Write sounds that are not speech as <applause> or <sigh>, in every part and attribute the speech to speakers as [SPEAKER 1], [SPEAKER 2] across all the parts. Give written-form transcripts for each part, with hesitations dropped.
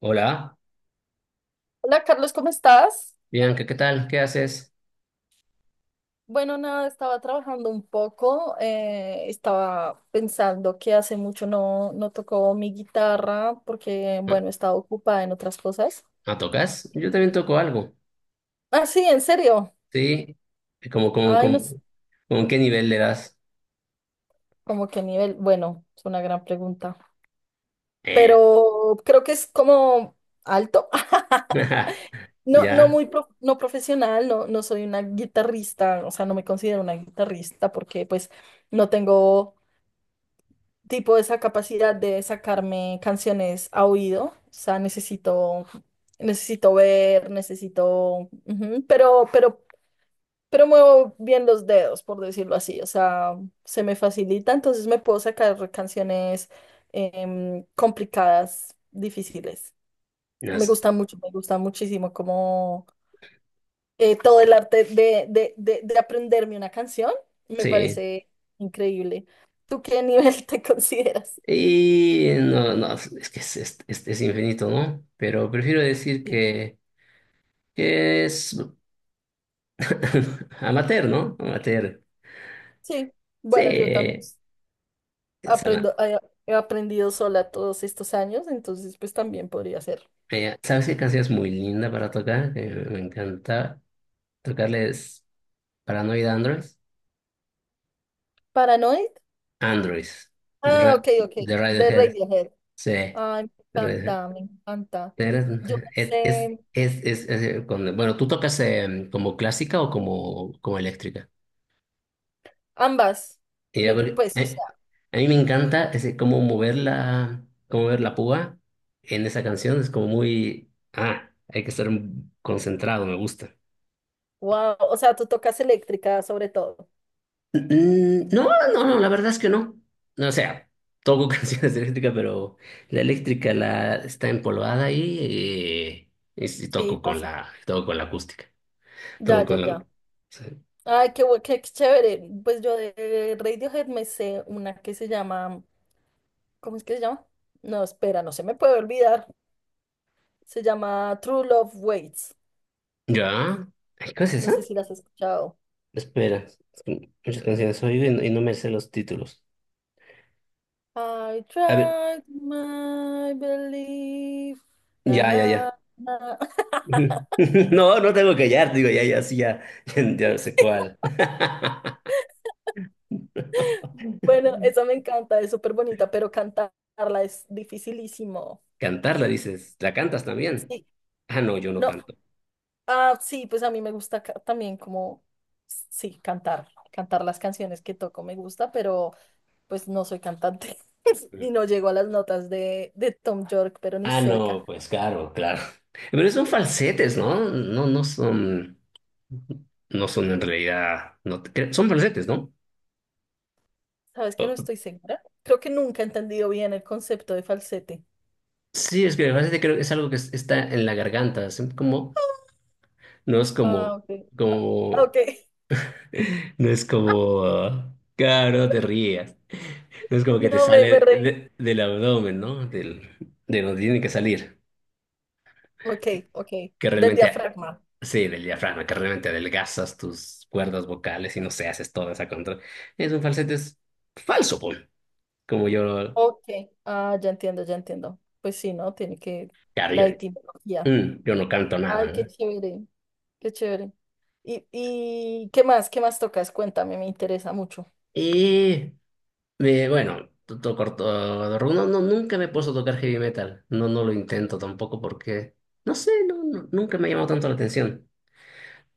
[SPEAKER 1] Hola,
[SPEAKER 2] Hola Carlos, ¿cómo estás?
[SPEAKER 1] Bianca, ¿qué tal? ¿Qué haces?
[SPEAKER 2] Bueno, nada, estaba trabajando un poco, estaba pensando que hace mucho no tocó mi guitarra porque, bueno, estaba ocupada en otras cosas.
[SPEAKER 1] ¿Ah, tocas? Yo también toco algo,
[SPEAKER 2] Ah, sí, en serio.
[SPEAKER 1] ¿sí? ¿Cómo, cómo?
[SPEAKER 2] Ay, no
[SPEAKER 1] cómo
[SPEAKER 2] sé,
[SPEAKER 1] como qué nivel le das?
[SPEAKER 2] como qué nivel. Bueno, es una gran pregunta,
[SPEAKER 1] Eh,
[SPEAKER 2] pero creo que es como alto. <laughs>
[SPEAKER 1] <laughs>
[SPEAKER 2] No, no
[SPEAKER 1] ya,
[SPEAKER 2] muy no profesional, no, no soy una guitarrista, o sea, no me considero una guitarrista porque pues no tengo tipo esa capacidad de sacarme canciones a oído, o sea, necesito ver, necesito, ujú, pero muevo bien los dedos, por decirlo así, o sea, se me facilita, entonces me puedo sacar canciones complicadas, difíciles.
[SPEAKER 1] no
[SPEAKER 2] Me
[SPEAKER 1] sé.
[SPEAKER 2] gusta mucho, me gusta muchísimo como todo el arte de aprenderme una canción, me
[SPEAKER 1] Sí,
[SPEAKER 2] parece increíble. ¿Tú qué nivel <laughs> te consideras?
[SPEAKER 1] y no, no, es que es infinito, ¿no? Pero prefiero decir que es <laughs> amateur, ¿no? Amateur.
[SPEAKER 2] Sí,
[SPEAKER 1] Sí,
[SPEAKER 2] bueno, yo también
[SPEAKER 1] ama-
[SPEAKER 2] aprendo, he aprendido sola todos estos años, entonces pues también podría ser.
[SPEAKER 1] ¿Sabes qué canción es muy linda para tocar? Que me encanta tocarles Paranoid Android.
[SPEAKER 2] Paranoid.
[SPEAKER 1] Android,
[SPEAKER 2] Ah, ok, ok.
[SPEAKER 1] De
[SPEAKER 2] De
[SPEAKER 1] Radiohead,
[SPEAKER 2] Radiohead.
[SPEAKER 1] sí, de
[SPEAKER 2] Ay, me
[SPEAKER 1] Radiohead.
[SPEAKER 2] encanta, me encanta. Yo no sé
[SPEAKER 1] Bueno, ¿tú tocas como clásica o como eléctrica?
[SPEAKER 2] ambas.
[SPEAKER 1] Y a
[SPEAKER 2] Me,
[SPEAKER 1] ver,
[SPEAKER 2] pues, o sea,
[SPEAKER 1] a mí me encanta cómo mover cómo mover la púa en esa canción, es como muy, ah, hay que estar concentrado, me gusta.
[SPEAKER 2] wow. O sea, tú tocas eléctrica sobre todo.
[SPEAKER 1] No, no, la verdad es que no. No, o sea, toco <laughs> canciones de eléctrica, pero la eléctrica la está empolvada y, y sí
[SPEAKER 2] Sí,
[SPEAKER 1] toco con
[SPEAKER 2] pasa.
[SPEAKER 1] toco con la acústica.
[SPEAKER 2] Ya,
[SPEAKER 1] Toco
[SPEAKER 2] ya,
[SPEAKER 1] con la.
[SPEAKER 2] ya.
[SPEAKER 1] Sí.
[SPEAKER 2] Ay, qué chévere. Pues yo de Radiohead me sé una que se llama, ¿cómo es que se llama? No, espera, no se me puede olvidar. Se llama True Love Waits.
[SPEAKER 1] ¿Ya? Ay, ¿qué es
[SPEAKER 2] No
[SPEAKER 1] esa?
[SPEAKER 2] sé si las has escuchado.
[SPEAKER 1] Espera, es que muchas canciones oigo y no me sé los títulos.
[SPEAKER 2] I
[SPEAKER 1] A ver,
[SPEAKER 2] tried my belief. Na,
[SPEAKER 1] ya, ya, ya.
[SPEAKER 2] na, na. <laughs>
[SPEAKER 1] <laughs> No, no tengo que hallar, digo, ya, ya, sí, ya, <laughs> ya no sé cuál. <laughs>
[SPEAKER 2] Bueno, esa me encanta, es súper bonita, pero cantarla es dificilísimo.
[SPEAKER 1] Cantarla, dices, ¿la cantas también?
[SPEAKER 2] Sí,
[SPEAKER 1] Ah, no, yo no
[SPEAKER 2] no,
[SPEAKER 1] canto.
[SPEAKER 2] ah, sí, pues a mí me gusta también como, sí, cantar, cantar las canciones que toco me gusta, pero pues no soy cantante <laughs> y no llego a las notas de Tom York, pero ni
[SPEAKER 1] Ah, no,
[SPEAKER 2] cerca.
[SPEAKER 1] pues claro, claro. Pero son falsetes, ¿no? No son en realidad, no te cre- son falsetes, ¿no?
[SPEAKER 2] ¿Sabes que no estoy segura? Creo que nunca he entendido bien el concepto de falsete.
[SPEAKER 1] Sí, es que el falsete creo que es algo que está en la garganta, es como, no es
[SPEAKER 2] Ah,
[SPEAKER 1] como,
[SPEAKER 2] ok.
[SPEAKER 1] como,
[SPEAKER 2] Ok,
[SPEAKER 1] <laughs> no es como, ah, claro, no te rías, no es como que te
[SPEAKER 2] no me, me
[SPEAKER 1] sale
[SPEAKER 2] reí.
[SPEAKER 1] del abdomen, ¿no? Del, de donde tiene que salir.
[SPEAKER 2] Ok, ok,
[SPEAKER 1] Que
[SPEAKER 2] del
[SPEAKER 1] realmente,
[SPEAKER 2] diafragma.
[SPEAKER 1] sí, del diafragma, que realmente adelgazas tus cuerdas vocales y no se haces toda esa contra. Es un falsete es falso, pues. Como yo,
[SPEAKER 2] Ok, ah, ya entiendo, ya entiendo. Pues sí, ¿no? Tiene que
[SPEAKER 1] claro,
[SPEAKER 2] la etimología.
[SPEAKER 1] mm, yo no canto nada,
[SPEAKER 2] Ay, qué
[SPEAKER 1] ¿no?
[SPEAKER 2] chévere, qué chévere. Y qué más? ¿Qué más tocas? Cuéntame, me interesa mucho.
[SPEAKER 1] Y bueno, toco ortorrumbo. No, no, nunca me he puesto a tocar heavy metal. No, no lo intento tampoco porque, no sé, nunca me ha llamado tanto la atención.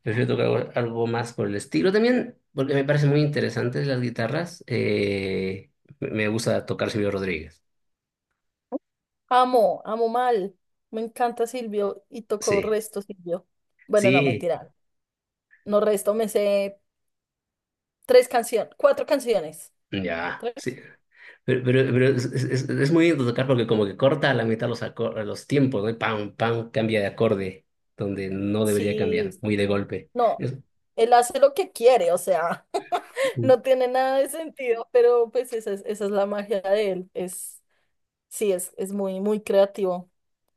[SPEAKER 1] Prefiero tocar algo algo más por el estilo también, porque me parecen muy interesantes las guitarras. Me gusta tocar Silvio Rodríguez.
[SPEAKER 2] Amo, amo mal. Me encanta Silvio y tocó
[SPEAKER 1] Sí.
[SPEAKER 2] resto Silvio. Bueno, no,
[SPEAKER 1] Sí,
[SPEAKER 2] mentira. No resto, me sé tres canciones, cuatro canciones.
[SPEAKER 1] ya, sí.
[SPEAKER 2] ¿Tres?
[SPEAKER 1] Pero es, es muy lindo tocar porque como que corta a la mitad los, los tiempos, ¿no? Y pam, pam, cambia de acorde, donde no debería
[SPEAKER 2] Sí,
[SPEAKER 1] cambiar, muy de
[SPEAKER 2] sí.
[SPEAKER 1] golpe.
[SPEAKER 2] No,
[SPEAKER 1] Es-
[SPEAKER 2] él hace lo que quiere, o sea, <laughs> no tiene nada de sentido, pero pues esa es la magia de él. Es, sí, es muy, muy creativo.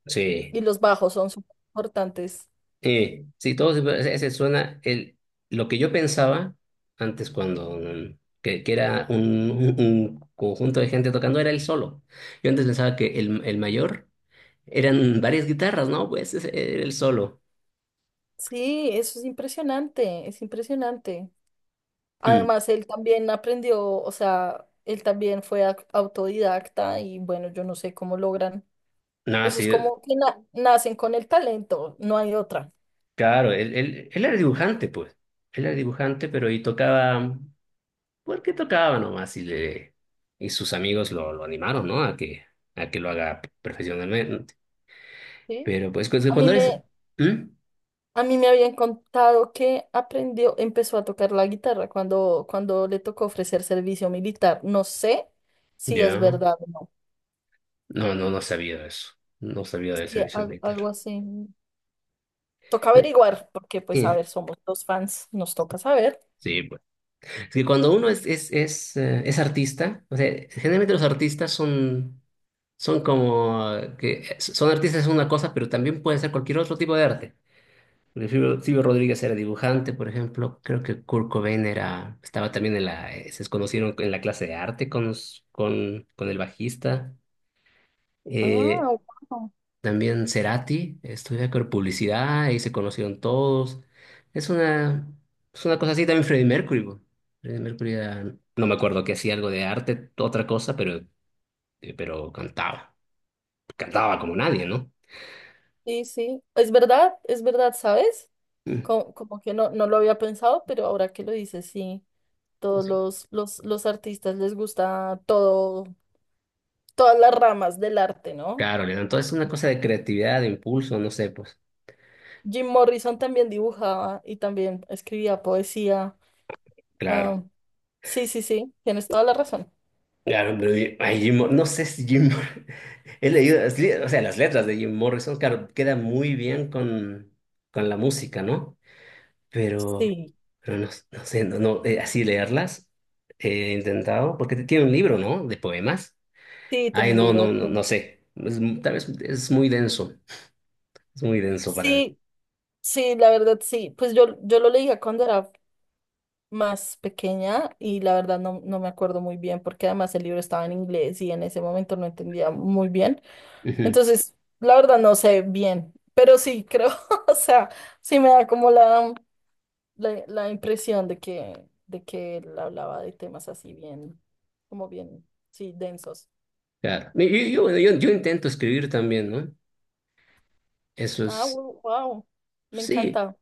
[SPEAKER 1] sí,
[SPEAKER 2] Y los bajos son súper importantes.
[SPEAKER 1] sí, ese suena, lo que yo pensaba antes cuando, mm, que era un, un conjunto de gente tocando, era el solo. Yo antes pensaba que el mayor eran varias guitarras, ¿no? Pues ese era el solo.
[SPEAKER 2] Sí, eso es impresionante, es impresionante.
[SPEAKER 1] Mm.
[SPEAKER 2] Además, él también aprendió, o sea, él también fue autodidacta y bueno, yo no sé cómo logran.
[SPEAKER 1] No,
[SPEAKER 2] Eso es
[SPEAKER 1] sí.
[SPEAKER 2] como que nacen con el talento, no hay otra.
[SPEAKER 1] Claro, él era dibujante, pues. Él era dibujante, pero y tocaba, porque tocaba nomás, y sus amigos lo animaron, ¿no? A que lo haga profesionalmente.
[SPEAKER 2] ¿Sí?
[SPEAKER 1] Pero pues pues,
[SPEAKER 2] A mí
[SPEAKER 1] cuando eres.
[SPEAKER 2] me,
[SPEAKER 1] ¿Mm?
[SPEAKER 2] A mí me habían contado que aprendió, empezó a tocar la guitarra cuando, cuando le tocó ofrecer servicio militar. No sé si es
[SPEAKER 1] Ya.
[SPEAKER 2] verdad o no.
[SPEAKER 1] No, no, no sabía de eso. No sabía del
[SPEAKER 2] Sí,
[SPEAKER 1] servicio militar.
[SPEAKER 2] algo así. Toca averiguar, porque pues a
[SPEAKER 1] Eh,
[SPEAKER 2] ver, somos dos fans, nos toca saber.
[SPEAKER 1] Sí, pues. Es que cuando uno es artista, o sea, generalmente los artistas son, son como que son artistas es una cosa, pero también pueden ser cualquier otro tipo de arte. Porque Silvio, Silvio Rodríguez era dibujante, por ejemplo. Creo que Kurt Cobain era, estaba también en se conocieron en la clase de arte con, con el bajista.
[SPEAKER 2] Ah,
[SPEAKER 1] Eh,
[SPEAKER 2] wow.
[SPEAKER 1] también Cerati estudiaba con publicidad y se conocieron todos. Es una, es una cosa así también Freddie Mercury. Po. Freddie Mercury era- no me acuerdo que hacía algo de arte, otra cosa, pero cantaba. Cantaba como nadie, ¿no?
[SPEAKER 2] Sí, sí. Es verdad, ¿sabes?
[SPEAKER 1] Mm.
[SPEAKER 2] Como, que no, no lo había pensado, pero ahora que lo dices, sí. Todos
[SPEAKER 1] Sí.
[SPEAKER 2] los artistas les gusta todo, todas las ramas del arte, ¿no?
[SPEAKER 1] Claro, Leandro. Entonces es una cosa de creatividad, de impulso, no sé, pues.
[SPEAKER 2] Jim Morrison también dibujaba y también escribía poesía.
[SPEAKER 1] Claro.
[SPEAKER 2] Ah, sí, sí, sí, tienes toda la razón.
[SPEAKER 1] Claro, pero ay, no sé si <laughs> he leído, o sea, las letras de Jim Morrison, claro, queda muy bien con la música, ¿no? Pero,
[SPEAKER 2] Sí,
[SPEAKER 1] pero no, no sé, no, no, así leerlas he intentado, porque tiene un libro, ¿no? De poemas.
[SPEAKER 2] sí,
[SPEAKER 1] Ay,
[SPEAKER 2] tiene un
[SPEAKER 1] no,
[SPEAKER 2] libro de
[SPEAKER 1] no, no, no
[SPEAKER 2] poemas.
[SPEAKER 1] sé. Tal vez es muy denso para mí.
[SPEAKER 2] Sí, sí, la verdad, sí. Pues yo lo leía cuando era más pequeña y la verdad no, no me acuerdo muy bien porque además el libro estaba en inglés y en ese momento no entendía muy bien.
[SPEAKER 1] Ujú,
[SPEAKER 2] Entonces, la verdad no sé bien, pero sí creo, <laughs> o sea, sí me da como la, impresión de que él hablaba de temas así bien, como bien, sí, densos.
[SPEAKER 1] claro. Yo, bueno, yo intento escribir también, ¿no? Eso
[SPEAKER 2] Ah,
[SPEAKER 1] es,
[SPEAKER 2] wow, me
[SPEAKER 1] sí,
[SPEAKER 2] encanta.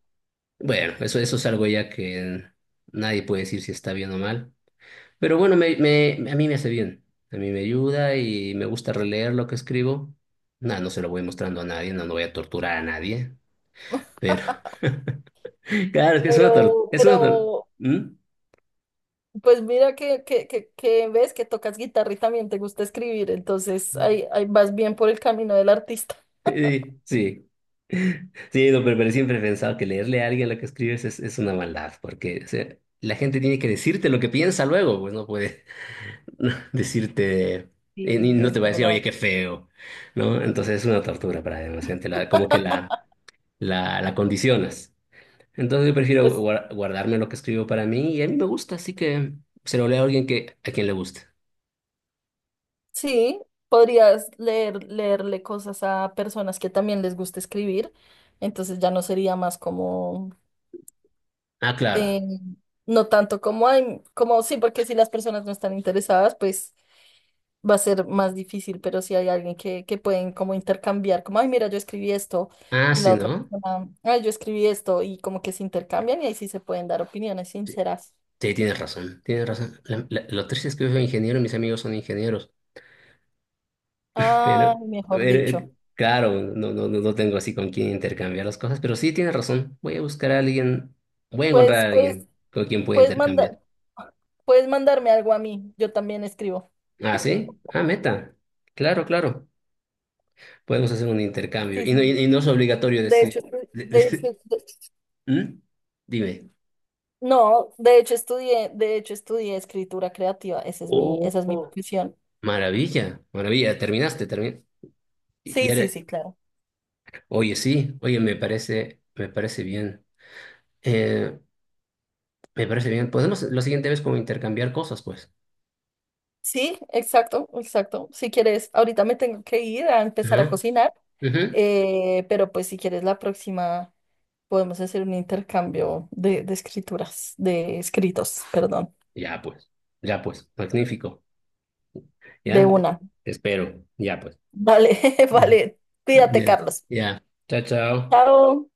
[SPEAKER 1] bueno, eso es algo ya que nadie puede decir si está bien o mal. Pero bueno, a mí me hace bien. A mí me ayuda y me gusta releer lo que escribo. Nada, no se lo voy mostrando a nadie, no, no voy a torturar a nadie. Pero, <laughs> claro, es que es una tortura.
[SPEAKER 2] Pero, pero,
[SPEAKER 1] ¿Mm?
[SPEAKER 2] pues mira que ves que tocas guitarra y también te gusta escribir, entonces ahí vas bien por el camino del artista.
[SPEAKER 1] Sí, <laughs> sí. Sí, no, pero siempre he pensado que leerle a alguien lo que escribes es una maldad, porque o sea, la gente tiene que decirte lo que piensa luego, pues no puede <laughs> decirte,
[SPEAKER 2] Sí,
[SPEAKER 1] no te
[SPEAKER 2] es
[SPEAKER 1] va a decir, oye,
[SPEAKER 2] verdad.
[SPEAKER 1] qué feo, ¿no? Entonces es una tortura para demás gente, como que
[SPEAKER 2] <laughs>
[SPEAKER 1] la condicionas. Entonces yo prefiero
[SPEAKER 2] Pues
[SPEAKER 1] guardarme lo que escribo para mí y a mí me gusta, así que se lo leo a alguien que, a quien le guste.
[SPEAKER 2] sí, podrías leer, leerle cosas a personas que también les gusta escribir, entonces ya no sería más como
[SPEAKER 1] Ah, claro.
[SPEAKER 2] eh, no tanto como hay, como sí, porque si las personas no están interesadas, pues va a ser más difícil, pero si hay alguien que pueden como intercambiar, como, ay, mira, yo escribí esto,
[SPEAKER 1] Ah,
[SPEAKER 2] y la
[SPEAKER 1] sí,
[SPEAKER 2] otra
[SPEAKER 1] ¿no?
[SPEAKER 2] persona, ay, yo escribí esto, y como que se intercambian y ahí sí se pueden dar opiniones sinceras.
[SPEAKER 1] Sí, tienes razón, tienes razón. Lo triste es que yo soy ingeniero y mis amigos son ingenieros,
[SPEAKER 2] Ah,
[SPEAKER 1] pero,
[SPEAKER 2] mejor
[SPEAKER 1] pero,
[SPEAKER 2] dicho.
[SPEAKER 1] claro, no, no, no tengo así con quién intercambiar las cosas, pero sí tienes razón. Voy a buscar a alguien, voy a encontrar
[SPEAKER 2] Pues,
[SPEAKER 1] a
[SPEAKER 2] pues,
[SPEAKER 1] alguien con quien pueda
[SPEAKER 2] puedes
[SPEAKER 1] intercambiar.
[SPEAKER 2] mandar, puedes mandarme algo a mí, yo también escribo.
[SPEAKER 1] Ah, sí, ah, meta. Claro, claro. Podemos hacer un intercambio
[SPEAKER 2] Sí,
[SPEAKER 1] y
[SPEAKER 2] sí,
[SPEAKER 1] no, y
[SPEAKER 2] sí.
[SPEAKER 1] y no es obligatorio
[SPEAKER 2] De hecho,
[SPEAKER 1] decir.
[SPEAKER 2] estoy- de hecho,
[SPEAKER 1] <laughs> ¿Mm? Dime.
[SPEAKER 2] No, de hecho estudié escritura creativa, esa es mi
[SPEAKER 1] Oh,
[SPEAKER 2] profesión.
[SPEAKER 1] maravilla, maravilla, terminaste, terminaste. Y
[SPEAKER 2] Sí, sí,
[SPEAKER 1] ahora-
[SPEAKER 2] sí, claro.
[SPEAKER 1] oye, sí, oye, me parece bien. Eh, me parece bien. Podemos la siguiente vez como intercambiar cosas, pues.
[SPEAKER 2] Sí, exacto, exacto. Si quieres, ahorita me tengo que ir a empezar a
[SPEAKER 1] Ajá,
[SPEAKER 2] cocinar,
[SPEAKER 1] ujú.
[SPEAKER 2] pero pues si quieres la próxima podemos hacer un intercambio de escrituras, de escritos, perdón,
[SPEAKER 1] Ya, pues, ya, pues, magnífico.
[SPEAKER 2] de
[SPEAKER 1] Ya,
[SPEAKER 2] una.
[SPEAKER 1] te espero, ya, pues.
[SPEAKER 2] Vale, <laughs>
[SPEAKER 1] Ujú.
[SPEAKER 2] vale. Cuídate,
[SPEAKER 1] Ya,
[SPEAKER 2] Carlos.
[SPEAKER 1] ya. Chao, chao.
[SPEAKER 2] Chao.